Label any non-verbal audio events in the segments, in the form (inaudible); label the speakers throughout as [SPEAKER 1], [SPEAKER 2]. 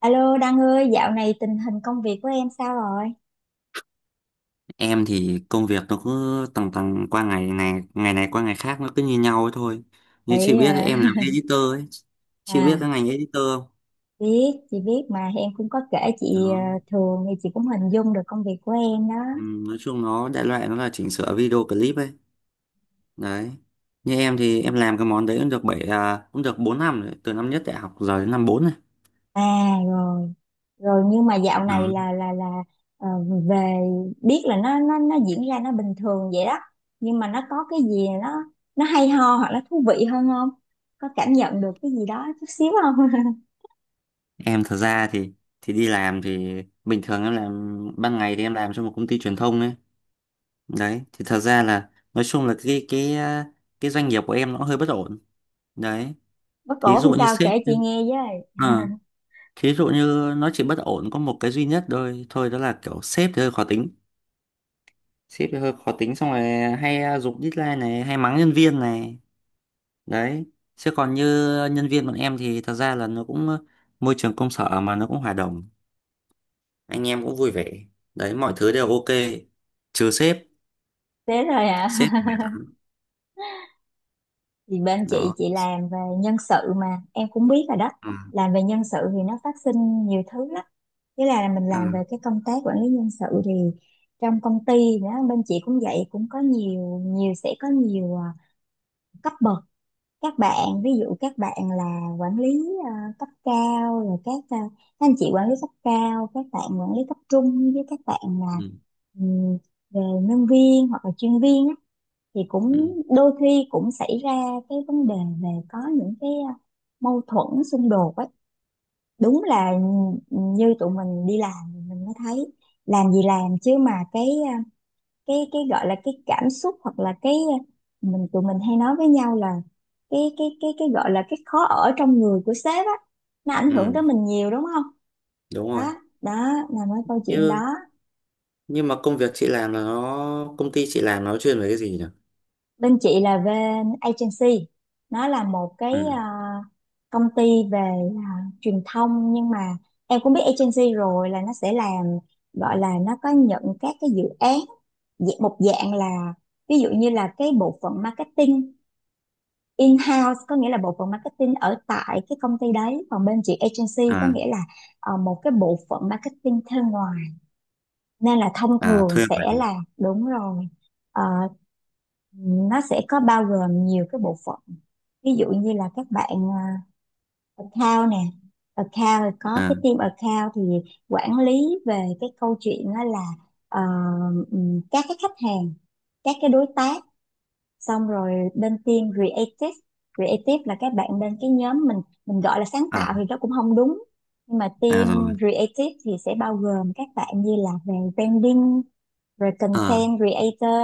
[SPEAKER 1] Alo Đăng ơi, dạo này tình hình công việc của em sao rồi?
[SPEAKER 2] Em thì công việc nó cứ tầng tầng qua ngày ngày ngày này qua ngày khác nó cứ như nhau ấy thôi. Như chị
[SPEAKER 1] Để,
[SPEAKER 2] biết là em làm
[SPEAKER 1] (laughs)
[SPEAKER 2] editor ấy. Chị
[SPEAKER 1] À,
[SPEAKER 2] biết cái ngành editor không?
[SPEAKER 1] chị biết mà em cũng có kể chị. ờ,
[SPEAKER 2] nó
[SPEAKER 1] Thường thì chị cũng hình dung được công việc của em đó.
[SPEAKER 2] Ừ, nói chung nó đại loại nó là chỉnh sửa video clip ấy. Đấy. Như em thì em làm cái món đấy cũng được cũng được 4 năm rồi, từ năm nhất đại học giờ đến năm 4 này.
[SPEAKER 1] À rồi, rồi nhưng mà dạo
[SPEAKER 2] Đó.
[SPEAKER 1] này là ờ, về biết là nó diễn ra nó bình thường vậy đó. Nhưng mà nó có cái gì nó hay ho hoặc là thú vị hơn không? Có cảm nhận được cái gì đó chút xíu không? (laughs)
[SPEAKER 2] Em thật ra thì đi làm thì bình thường em làm ban ngày, thì em làm cho một công ty truyền thông ấy. Đấy, thì thật ra là nói chung là cái doanh nghiệp của em nó hơi bất ổn đấy.
[SPEAKER 1] Bác
[SPEAKER 2] thí
[SPEAKER 1] cổ
[SPEAKER 2] dụ
[SPEAKER 1] làm
[SPEAKER 2] như
[SPEAKER 1] sao
[SPEAKER 2] sếp
[SPEAKER 1] kể chị nghe với.
[SPEAKER 2] à, Thí dụ như nó chỉ bất ổn có một cái duy nhất thôi thôi, đó là kiểu sếp thì hơi khó tính. Xong rồi hay giục deadline này, hay mắng nhân viên này. Đấy, chứ còn như nhân viên bọn em thì thật ra là nó cũng môi trường công sở mà, nó cũng hòa đồng, anh em cũng vui vẻ. Đấy, mọi thứ đều ok trừ sếp.
[SPEAKER 1] Thế rồi hả?
[SPEAKER 2] Sếp thì mệt lắm.
[SPEAKER 1] (laughs) Thì bên chị
[SPEAKER 2] Đó.
[SPEAKER 1] chị làm về nhân sự mà em cũng biết rồi đó.
[SPEAKER 2] Ừ.
[SPEAKER 1] Làm về nhân sự thì nó phát sinh nhiều thứ lắm. Thế là mình làm về
[SPEAKER 2] Ừ.
[SPEAKER 1] cái công tác quản lý nhân sự thì trong công ty đó bên chị cũng vậy, cũng có nhiều nhiều sẽ có nhiều cấp bậc. Các bạn, ví dụ các bạn là quản lý à, cấp cao, rồi các anh chị quản lý cấp cao, các bạn quản lý cấp trung, với các bạn
[SPEAKER 2] Ừ.
[SPEAKER 1] là ừ, về nhân viên hoặc là chuyên viên á, thì cũng
[SPEAKER 2] Ừ.
[SPEAKER 1] đôi khi cũng xảy ra cái vấn đề về có những cái mâu thuẫn xung đột ấy. Đúng là như tụi mình đi làm thì mình mới thấy, làm gì làm chứ mà cái gọi là cái cảm xúc hoặc là cái mình tụi mình hay nói với nhau là cái gọi là cái khó ở trong người của sếp á, nó ảnh hưởng
[SPEAKER 2] Ừ.
[SPEAKER 1] tới mình nhiều đúng không?
[SPEAKER 2] Đúng rồi.
[SPEAKER 1] Đó, đó là mấy câu chuyện đó.
[SPEAKER 2] như nhưng mà công việc chị làm là nó công ty chị làm nó chuyên về cái gì nhỉ?
[SPEAKER 1] Bên chị là bên agency, nó là một cái
[SPEAKER 2] Ừ.
[SPEAKER 1] công ty về ờ, truyền thông, nhưng mà em cũng biết agency rồi là nó sẽ làm, gọi là nó có nhận các cái dự án. Một dạng là ví dụ như là cái bộ phận marketing in-house có nghĩa là bộ phận marketing ở tại cái công ty đấy, còn bên chị agency có nghĩa
[SPEAKER 2] À.
[SPEAKER 1] là một cái bộ phận marketing thuê ngoài. Nên là thông
[SPEAKER 2] À
[SPEAKER 1] thường
[SPEAKER 2] thuê bản.
[SPEAKER 1] sẽ là, đúng rồi. Ờ, nó sẽ có bao gồm nhiều cái bộ phận, ví dụ như là các bạn account nè. Account, rồi có
[SPEAKER 2] À.
[SPEAKER 1] cái team account thì quản lý về cái câu chuyện đó là ờ, các cái khách hàng, các cái đối tác. Xong rồi bên team creative, creative là các bạn bên cái nhóm, mình gọi là sáng
[SPEAKER 2] à
[SPEAKER 1] tạo thì nó cũng không đúng, nhưng mà team
[SPEAKER 2] Rồi.
[SPEAKER 1] creative thì sẽ bao gồm các bạn như là về branding, rồi
[SPEAKER 2] À
[SPEAKER 1] content creator,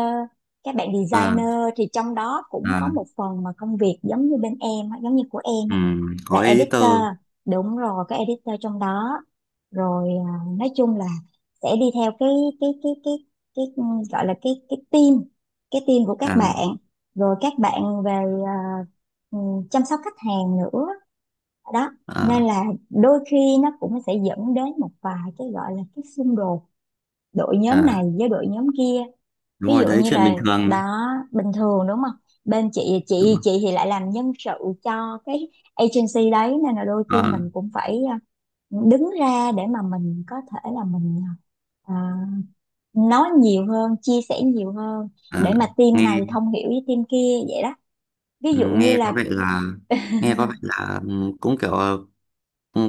[SPEAKER 1] các bạn
[SPEAKER 2] à.
[SPEAKER 1] designer. Thì trong đó cũng
[SPEAKER 2] À.
[SPEAKER 1] có một phần mà công việc giống như bên em á, giống như của em
[SPEAKER 2] Ừ.
[SPEAKER 1] là
[SPEAKER 2] Có
[SPEAKER 1] editor.
[SPEAKER 2] editor.
[SPEAKER 1] Đúng rồi, có editor trong đó. Rồi nói chung là sẽ đi theo cái cái cái cái cái gọi là cái team của các
[SPEAKER 2] À.
[SPEAKER 1] bạn. Rồi các bạn về à, ừ, chăm sóc khách hàng nữa. Đó, nên
[SPEAKER 2] À.
[SPEAKER 1] là đôi khi nó cũng sẽ dẫn đến một vài cái gọi là cái xung đột đội nhóm này
[SPEAKER 2] À.
[SPEAKER 1] với đội nhóm kia,
[SPEAKER 2] Đúng
[SPEAKER 1] ví
[SPEAKER 2] rồi
[SPEAKER 1] dụ
[SPEAKER 2] đấy,
[SPEAKER 1] như
[SPEAKER 2] chuyện
[SPEAKER 1] là.
[SPEAKER 2] bình thường.
[SPEAKER 1] Đó, bình thường đúng không? Bên chị
[SPEAKER 2] Đúng
[SPEAKER 1] chị
[SPEAKER 2] rồi.
[SPEAKER 1] chị thì lại làm nhân sự cho cái agency đấy, nên là đôi khi
[SPEAKER 2] À.
[SPEAKER 1] mình cũng phải đứng ra để mà mình có thể là mình ờ, nói nhiều hơn, chia sẻ nhiều hơn
[SPEAKER 2] À.
[SPEAKER 1] để mà team
[SPEAKER 2] Nghe
[SPEAKER 1] này thông hiểu với team kia vậy đó. Ví
[SPEAKER 2] ừ,
[SPEAKER 1] dụ như
[SPEAKER 2] nghe có
[SPEAKER 1] là
[SPEAKER 2] vẻ là, cũng kiểu ừ,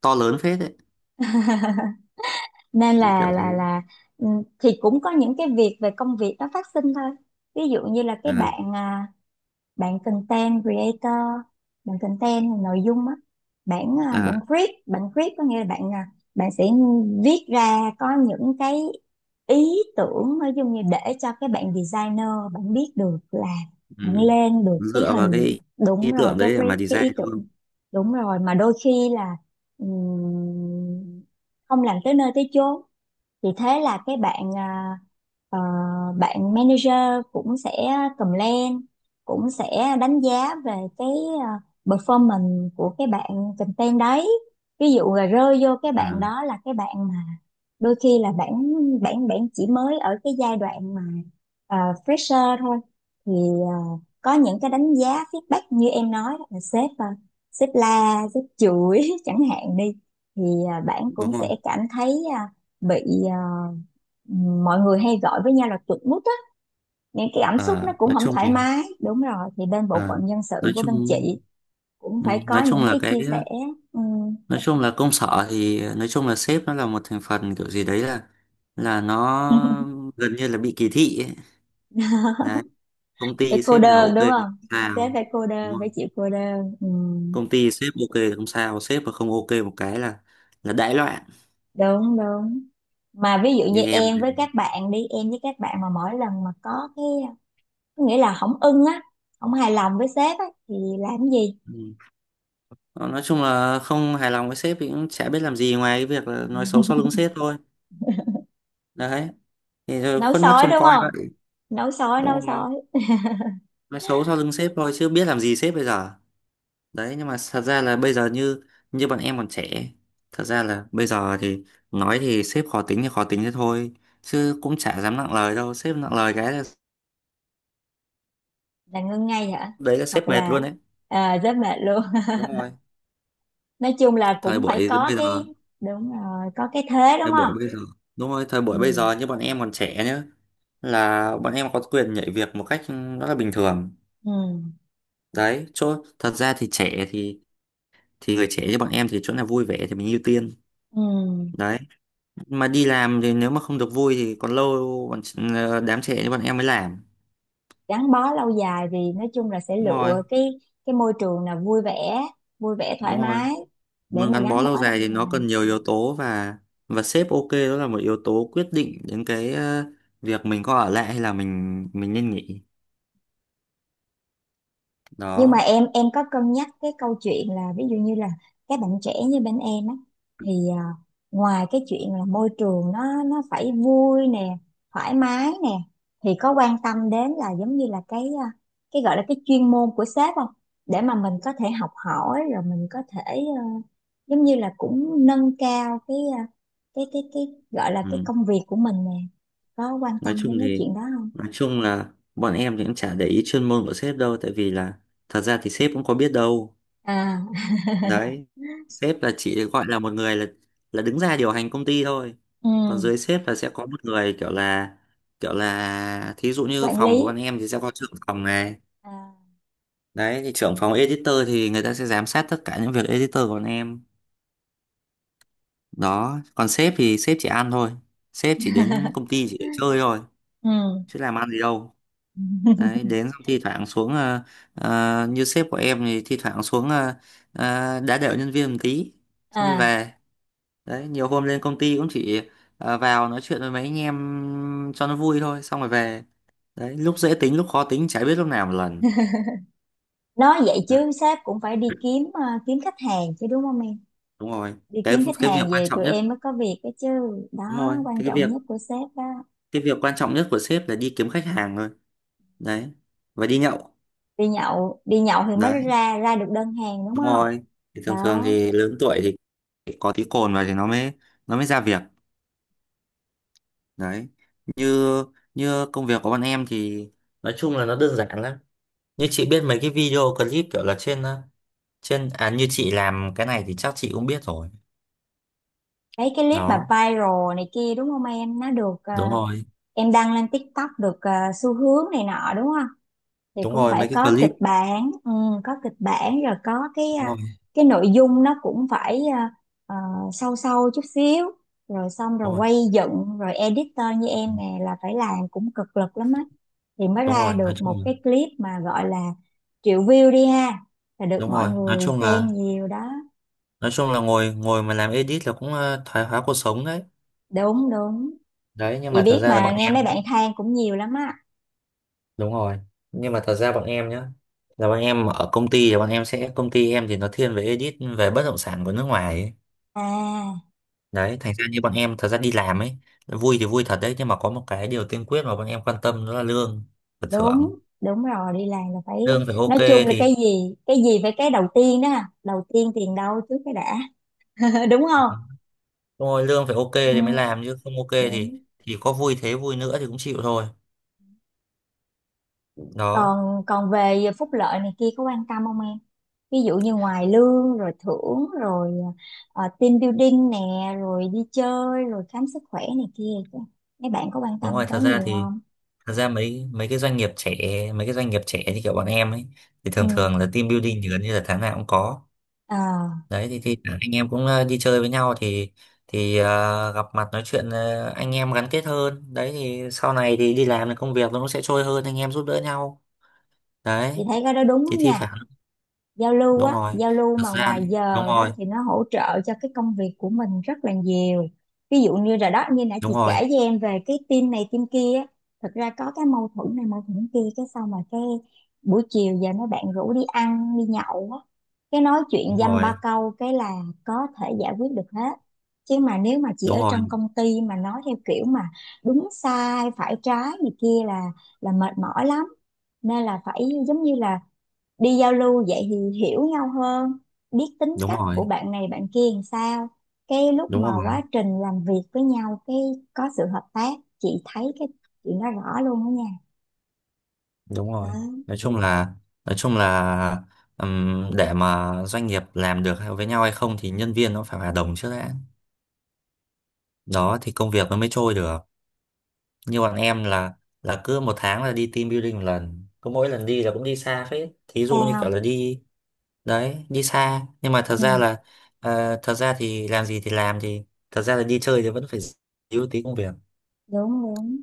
[SPEAKER 2] to lớn phết đấy.
[SPEAKER 1] (laughs) nên
[SPEAKER 2] Đấy,
[SPEAKER 1] là
[SPEAKER 2] kiểu thế.
[SPEAKER 1] là là ừ, thì cũng có những cái việc về công việc nó phát sinh thôi. Ví dụ như là cái
[SPEAKER 2] À.
[SPEAKER 1] bạn bạn content creator, bạn content nội dung á, bạn à,
[SPEAKER 2] À.
[SPEAKER 1] bạn viết có nghĩa là bạn sẽ viết ra có những cái ý tưởng nói chung, như để cho cái bạn designer bạn biết được là bạn
[SPEAKER 2] Ừ.
[SPEAKER 1] lên được cái
[SPEAKER 2] Dựa vào
[SPEAKER 1] hình.
[SPEAKER 2] cái
[SPEAKER 1] Đúng
[SPEAKER 2] ý
[SPEAKER 1] rồi,
[SPEAKER 2] tưởng
[SPEAKER 1] cái
[SPEAKER 2] đấy để
[SPEAKER 1] brief,
[SPEAKER 2] mà
[SPEAKER 1] cái
[SPEAKER 2] design
[SPEAKER 1] ý
[SPEAKER 2] đúng
[SPEAKER 1] tưởng.
[SPEAKER 2] không?
[SPEAKER 1] Đúng rồi, mà đôi khi là ừm, không làm tới nơi tới chốn. Thì thế là cái ờ, bạn manager cũng sẽ comment, cũng sẽ đánh giá về cái à, performance của cái bạn content đấy. Ví dụ là rơi vô cái
[SPEAKER 2] À,
[SPEAKER 1] bạn đó là cái bạn mà đôi khi là bạn bạn bạn chỉ mới ở cái giai đoạn mà fresher thôi. Thì à, có những cái đánh giá feedback như em nói đó là sếp la sếp chửi (laughs) chẳng hạn đi. Thì bạn
[SPEAKER 2] đúng
[SPEAKER 1] cũng
[SPEAKER 2] rồi.
[SPEAKER 1] sẽ cảm thấy bị à, mọi người hay gọi với nhau là chuột rút á, nên cái cảm xúc nó
[SPEAKER 2] À,
[SPEAKER 1] cũng
[SPEAKER 2] nói
[SPEAKER 1] không
[SPEAKER 2] chung
[SPEAKER 1] thoải mái. Đúng rồi, thì bên bộ
[SPEAKER 2] À,
[SPEAKER 1] phận nhân sự
[SPEAKER 2] nói
[SPEAKER 1] của
[SPEAKER 2] chung
[SPEAKER 1] bên chị cũng
[SPEAKER 2] ừ,
[SPEAKER 1] phải có
[SPEAKER 2] nói chung
[SPEAKER 1] những
[SPEAKER 2] là
[SPEAKER 1] cái
[SPEAKER 2] cái
[SPEAKER 1] chia sẻ. Ừ.
[SPEAKER 2] Nói chung là công sở thì nói chung là sếp nó là một thành phần kiểu gì đấy là nó gần như là bị kỳ thị ấy.
[SPEAKER 1] (laughs)
[SPEAKER 2] Đấy, công
[SPEAKER 1] Về
[SPEAKER 2] ty
[SPEAKER 1] cô
[SPEAKER 2] sếp nào
[SPEAKER 1] đơn
[SPEAKER 2] ok
[SPEAKER 1] đúng
[SPEAKER 2] thì
[SPEAKER 1] không?
[SPEAKER 2] không sao,
[SPEAKER 1] Sếp phải cô
[SPEAKER 2] đúng
[SPEAKER 1] đơn, phải
[SPEAKER 2] không?
[SPEAKER 1] chịu cô đơn. Ừ.
[SPEAKER 2] Công ty sếp ok thì không sao, sếp mà không ok một cái là đại loạn.
[SPEAKER 1] Đúng, đúng, mà ví dụ như
[SPEAKER 2] Như em
[SPEAKER 1] em với
[SPEAKER 2] này.
[SPEAKER 1] các bạn đi em với các bạn mà mỗi lần mà có cái, có nghĩa là không ưng á, không hài lòng với sếp á thì làm cái gì?
[SPEAKER 2] Ừ. Ờ, nói chung là không hài lòng với sếp thì cũng chả biết làm gì ngoài cái việc là nói xấu sau lưng sếp thôi. Đấy, thì rồi
[SPEAKER 1] Nấu
[SPEAKER 2] khuất mắt
[SPEAKER 1] sói
[SPEAKER 2] trông
[SPEAKER 1] đúng
[SPEAKER 2] coi
[SPEAKER 1] không?
[SPEAKER 2] vậy,
[SPEAKER 1] Nấu sói,
[SPEAKER 2] đúng
[SPEAKER 1] nấu
[SPEAKER 2] không?
[SPEAKER 1] sói.
[SPEAKER 2] Nói xấu sau lưng sếp thôi chứ biết làm gì sếp bây giờ. Đấy, nhưng mà thật ra là bây giờ như như bọn em còn trẻ, thật ra là bây giờ thì nói thì sếp khó tính thì khó tính thế thôi, chứ cũng chả dám nặng lời đâu. Sếp nặng lời cái là,
[SPEAKER 1] Là ngưng ngay hả?
[SPEAKER 2] đấy, là
[SPEAKER 1] Hoặc
[SPEAKER 2] sếp mệt
[SPEAKER 1] là
[SPEAKER 2] luôn đấy.
[SPEAKER 1] rất mệt luôn.
[SPEAKER 2] Đúng rồi,
[SPEAKER 1] (laughs) Nói chung là
[SPEAKER 2] thời
[SPEAKER 1] cũng phải
[SPEAKER 2] buổi
[SPEAKER 1] có
[SPEAKER 2] bây giờ,
[SPEAKER 1] cái, đúng rồi, có cái thế đúng
[SPEAKER 2] thời
[SPEAKER 1] không?
[SPEAKER 2] buổi bây giờ đúng rồi, thời
[SPEAKER 1] Ừ.
[SPEAKER 2] buổi bây giờ như bọn em còn trẻ nhá, là bọn em có quyền nhảy việc một cách rất là bình thường.
[SPEAKER 1] Ừ.
[SPEAKER 2] Đấy, chỗ thật ra thì trẻ thì người trẻ như bọn em thì chỗ nào vui vẻ thì mình ưu tiên.
[SPEAKER 1] Ừ.
[SPEAKER 2] Đấy, mà đi làm thì nếu mà không được vui thì còn lâu bọn đám trẻ như bọn em mới làm.
[SPEAKER 1] Gắn bó lâu dài thì nói chung là sẽ
[SPEAKER 2] Đúng rồi,
[SPEAKER 1] lựa cái môi trường là vui vẻ, vui vẻ thoải
[SPEAKER 2] đúng rồi.
[SPEAKER 1] mái để
[SPEAKER 2] Muốn
[SPEAKER 1] mà
[SPEAKER 2] gắn
[SPEAKER 1] gắn
[SPEAKER 2] bó lâu
[SPEAKER 1] bó
[SPEAKER 2] dài
[SPEAKER 1] lâu
[SPEAKER 2] thì nó
[SPEAKER 1] dài.
[SPEAKER 2] cần nhiều
[SPEAKER 1] Ừ.
[SPEAKER 2] yếu tố, và sếp ok, đó là một yếu tố quyết định đến cái việc mình có ở lại hay là mình nên nghỉ.
[SPEAKER 1] Nhưng mà
[SPEAKER 2] Đó.
[SPEAKER 1] em có cân nhắc cái câu chuyện là ví dụ như là các bạn trẻ như bên em á, thì ngoài cái chuyện là môi trường nó phải vui nè, thoải mái nè, thì có quan tâm đến là giống như là cái cái gọi là cái chuyên môn của sếp không? Để mà mình có thể học hỏi, rồi mình có thể à, giống như là cũng nâng cao cái cái gọi là cái
[SPEAKER 2] Ừ.
[SPEAKER 1] công việc của mình nè. Có quan
[SPEAKER 2] Nói
[SPEAKER 1] tâm
[SPEAKER 2] chung
[SPEAKER 1] đến mấy
[SPEAKER 2] thì,
[SPEAKER 1] chuyện đó không?
[SPEAKER 2] nói chung là bọn em thì cũng chả để ý chuyên môn của sếp đâu, tại vì là thật ra thì sếp cũng có biết đâu.
[SPEAKER 1] À. (laughs)
[SPEAKER 2] Đấy. Sếp là chỉ gọi là một người là đứng ra điều hành công ty thôi.
[SPEAKER 1] Ừ,
[SPEAKER 2] Còn dưới sếp là sẽ có một người kiểu là, kiểu là thí dụ như
[SPEAKER 1] quản
[SPEAKER 2] phòng của
[SPEAKER 1] lý.
[SPEAKER 2] bọn em thì sẽ có trưởng phòng này.
[SPEAKER 1] À.
[SPEAKER 2] Đấy, thì trưởng phòng editor thì người ta sẽ giám sát tất cả những việc editor của bọn em. Đó, còn sếp thì sếp chỉ ăn thôi. Sếp chỉ đến
[SPEAKER 1] (laughs)
[SPEAKER 2] công ty chỉ để chơi thôi,
[SPEAKER 1] Ừ.
[SPEAKER 2] chứ làm ăn gì đâu.
[SPEAKER 1] (laughs)
[SPEAKER 2] Đấy, đến xong thi thoảng xuống như sếp của em thì thi thoảng xuống đá đểu nhân viên một tí xong đi
[SPEAKER 1] À.
[SPEAKER 2] về. Đấy, nhiều hôm lên công ty cũng chỉ vào nói chuyện với mấy anh em cho nó vui thôi, xong rồi về. Đấy, lúc dễ tính lúc khó tính chả biết lúc nào một lần.
[SPEAKER 1] Nói vậy
[SPEAKER 2] Đấy,
[SPEAKER 1] chứ sếp cũng phải đi kiếm kiếm khách hàng chứ đúng không em?
[SPEAKER 2] đúng rồi.
[SPEAKER 1] Đi kiếm khách
[SPEAKER 2] Cái việc
[SPEAKER 1] hàng
[SPEAKER 2] quan
[SPEAKER 1] về
[SPEAKER 2] trọng
[SPEAKER 1] tụi
[SPEAKER 2] nhất,
[SPEAKER 1] em mới có việc đó chứ. Đó,
[SPEAKER 2] đúng rồi,
[SPEAKER 1] quan
[SPEAKER 2] cái
[SPEAKER 1] trọng
[SPEAKER 2] việc
[SPEAKER 1] nhất của sếp đó.
[SPEAKER 2] cái việc quan trọng nhất của sếp là đi kiếm khách hàng thôi. Đấy, và đi nhậu.
[SPEAKER 1] Đi nhậu, đi nhậu thì mới
[SPEAKER 2] Đấy,
[SPEAKER 1] ra ra được đơn hàng đúng
[SPEAKER 2] đúng
[SPEAKER 1] không?
[SPEAKER 2] rồi, thì thường thường
[SPEAKER 1] Đó,
[SPEAKER 2] thì lớn tuổi thì có tí cồn vào thì nó mới ra việc. Đấy, như như công việc của bọn em thì nói chung là nó đơn giản lắm. Như chị biết mấy cái video clip kiểu là trên trên à, như chị làm cái này thì chắc chị cũng biết rồi
[SPEAKER 1] mấy cái clip mà
[SPEAKER 2] đó.
[SPEAKER 1] viral này kia đúng không em, nó được
[SPEAKER 2] Đúng rồi,
[SPEAKER 1] em đăng lên TikTok, được xu hướng này nọ đúng không? Thì
[SPEAKER 2] đúng
[SPEAKER 1] cũng
[SPEAKER 2] rồi, mấy
[SPEAKER 1] phải
[SPEAKER 2] cái
[SPEAKER 1] có
[SPEAKER 2] clip.
[SPEAKER 1] kịch bản. Ừ, có kịch bản rồi có cái
[SPEAKER 2] Đúng rồi,
[SPEAKER 1] cái nội dung nó cũng phải ờ, sâu sâu chút xíu, rồi xong
[SPEAKER 2] đúng
[SPEAKER 1] rồi
[SPEAKER 2] rồi.
[SPEAKER 1] quay dựng, rồi editor như
[SPEAKER 2] Ừ,
[SPEAKER 1] em nè là phải làm cũng cực lực lắm á, thì mới
[SPEAKER 2] đúng
[SPEAKER 1] ra
[SPEAKER 2] rồi, nói
[SPEAKER 1] được một
[SPEAKER 2] chung là,
[SPEAKER 1] cái clip mà gọi là triệu view đi ha, là được
[SPEAKER 2] đúng
[SPEAKER 1] mọi
[SPEAKER 2] rồi, nói
[SPEAKER 1] người
[SPEAKER 2] chung
[SPEAKER 1] xem
[SPEAKER 2] là,
[SPEAKER 1] nhiều đó.
[SPEAKER 2] nói chung là ngồi ngồi mà làm edit là cũng thoái hóa cuộc sống đấy.
[SPEAKER 1] Đúng, đúng,
[SPEAKER 2] Đấy, nhưng
[SPEAKER 1] chị
[SPEAKER 2] mà thật
[SPEAKER 1] biết
[SPEAKER 2] ra là
[SPEAKER 1] mà,
[SPEAKER 2] bọn
[SPEAKER 1] nghe
[SPEAKER 2] em,
[SPEAKER 1] mấy bạn than cũng nhiều lắm á.
[SPEAKER 2] đúng rồi, nhưng mà thật ra bọn em nhá, là bọn em ở công ty thì bọn em sẽ công ty em thì nó thiên về edit về bất động sản của nước ngoài ấy.
[SPEAKER 1] À,
[SPEAKER 2] Đấy, thành ra như bọn em thật ra đi làm ấy, vui thì vui thật đấy nhưng mà có một cái điều tiên quyết mà bọn em quan tâm đó là lương và thưởng.
[SPEAKER 1] đúng, đúng rồi, đi làm là phải,
[SPEAKER 2] Lương phải ok
[SPEAKER 1] nói chung là
[SPEAKER 2] thì,
[SPEAKER 1] cái gì, cái gì phải cái đầu tiên đó. À, đầu tiên tiền đâu trước cái đã. (laughs) Đúng không?
[SPEAKER 2] đúng rồi, lương phải ok thì mới
[SPEAKER 1] Ừ,
[SPEAKER 2] làm chứ không ok
[SPEAKER 1] đúng.
[SPEAKER 2] thì có vui thế vui nữa thì cũng chịu thôi. Đó,
[SPEAKER 1] Còn còn về phúc lợi này kia có quan tâm không em? Ví dụ như ngoài lương rồi thưởng rồi team building nè, rồi đi chơi rồi khám sức khỏe này kia, mấy bạn có quan
[SPEAKER 2] đúng
[SPEAKER 1] tâm
[SPEAKER 2] rồi,
[SPEAKER 1] tới
[SPEAKER 2] thật ra
[SPEAKER 1] nhiều
[SPEAKER 2] thì,
[SPEAKER 1] không?
[SPEAKER 2] thật ra mấy mấy cái doanh nghiệp trẻ, như kiểu bọn em ấy thì
[SPEAKER 1] Ừ.
[SPEAKER 2] thường thường là team building thì gần như là tháng nào cũng có.
[SPEAKER 1] à,
[SPEAKER 2] Đấy thì anh em cũng đi chơi với nhau thì gặp mặt nói chuyện, anh em gắn kết hơn. Đấy thì sau này thì đi làm thì công việc nó cũng sẽ trôi hơn, anh em giúp đỡ nhau.
[SPEAKER 1] chị
[SPEAKER 2] Đấy
[SPEAKER 1] thấy cái đó đúng đó
[SPEAKER 2] thì thi
[SPEAKER 1] nha.
[SPEAKER 2] thoảng
[SPEAKER 1] Giao lưu
[SPEAKER 2] đúng
[SPEAKER 1] á,
[SPEAKER 2] rồi
[SPEAKER 1] giao lưu
[SPEAKER 2] thật
[SPEAKER 1] mà
[SPEAKER 2] ra
[SPEAKER 1] ngoài
[SPEAKER 2] đúng
[SPEAKER 1] giờ đó
[SPEAKER 2] rồi,
[SPEAKER 1] thì nó hỗ trợ cho cái công việc của mình rất là nhiều. Ví dụ như rồi đó, như nãy chị
[SPEAKER 2] đúng
[SPEAKER 1] kể
[SPEAKER 2] rồi,
[SPEAKER 1] với em về cái team này team kia á, thật ra có cái mâu thuẫn này mâu thuẫn kia, cái xong mà cái buổi chiều giờ mấy bạn rủ đi ăn đi nhậu á, cái nói chuyện
[SPEAKER 2] đúng
[SPEAKER 1] dăm ba
[SPEAKER 2] rồi,
[SPEAKER 1] câu cái là có thể giải quyết được hết. Chứ mà nếu mà chị
[SPEAKER 2] đúng
[SPEAKER 1] ở
[SPEAKER 2] rồi,
[SPEAKER 1] trong công ty mà nói theo kiểu mà đúng sai phải trái gì kia là mệt mỏi lắm. Nên là phải giống như là đi giao lưu vậy thì hiểu nhau hơn, biết tính
[SPEAKER 2] đúng
[SPEAKER 1] cách
[SPEAKER 2] rồi,
[SPEAKER 1] của bạn này bạn kia làm sao, cái lúc
[SPEAKER 2] đúng
[SPEAKER 1] mà
[SPEAKER 2] rồi,
[SPEAKER 1] quá trình làm việc với nhau cái có sự hợp tác. Chị thấy cái chuyện đó rõ luôn đó nha.
[SPEAKER 2] đúng rồi,
[SPEAKER 1] Đó,
[SPEAKER 2] nói chung là, nói chung là để mà doanh nghiệp làm được hay- với nhau hay không thì nhân viên nó phải hòa đồng trước đã. Đó thì công việc nó mới trôi được. Như bọn em là cứ một tháng là đi team building một lần, cứ mỗi lần đi là cũng đi xa phết, thí dụ như
[SPEAKER 1] sao
[SPEAKER 2] kiểu là đi. Đấy, đi xa nhưng mà thật
[SPEAKER 1] không?
[SPEAKER 2] ra
[SPEAKER 1] Ừ,
[SPEAKER 2] là thật ra thì làm gì thì làm thì thật ra là đi chơi thì vẫn phải díu tí công việc.
[SPEAKER 1] đúng, đúng.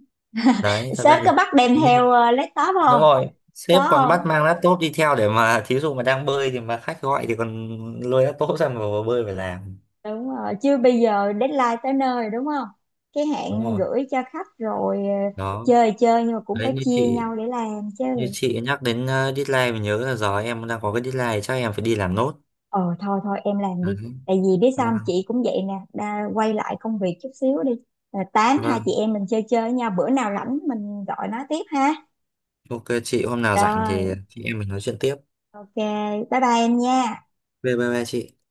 [SPEAKER 2] Đấy, thật
[SPEAKER 1] Sếp
[SPEAKER 2] ra
[SPEAKER 1] có
[SPEAKER 2] thì,
[SPEAKER 1] bắt đem theo laptop
[SPEAKER 2] đúng
[SPEAKER 1] không?
[SPEAKER 2] rồi, sếp
[SPEAKER 1] Có
[SPEAKER 2] còn bắt
[SPEAKER 1] không?
[SPEAKER 2] mang laptop đi theo để mà thí dụ mà đang bơi thì mà khách gọi thì còn lôi laptop ra mà vào bơi phải làm.
[SPEAKER 1] Đúng rồi, chưa, bây giờ deadline tới nơi đúng không, cái
[SPEAKER 2] Đúng
[SPEAKER 1] hạn
[SPEAKER 2] rồi.
[SPEAKER 1] gửi cho khách rồi. Ờ,
[SPEAKER 2] Đó.
[SPEAKER 1] Chơi chơi nhưng mà cũng
[SPEAKER 2] Đấy,
[SPEAKER 1] phải
[SPEAKER 2] như
[SPEAKER 1] chia
[SPEAKER 2] chị,
[SPEAKER 1] nhau để làm chứ.
[SPEAKER 2] như chị nhắc đến deadline mình nhớ là giờ em đang có cái deadline chắc em phải đi làm nốt.
[SPEAKER 1] Ờ Thôi thôi, em làm
[SPEAKER 2] Đấy.
[SPEAKER 1] đi, tại vì biết sao
[SPEAKER 2] Vâng.
[SPEAKER 1] không? Chị cũng vậy nè Đa, quay lại công việc chút xíu đi. Rồi tám hai chị
[SPEAKER 2] Vâng,
[SPEAKER 1] em mình chơi chơi nha, bữa nào rảnh mình gọi nói tiếp ha.
[SPEAKER 2] ok chị, hôm nào rảnh thì
[SPEAKER 1] Rồi,
[SPEAKER 2] chị em mình nói chuyện tiếp.
[SPEAKER 1] ok, bye bye em nha.
[SPEAKER 2] Bye bye, chị.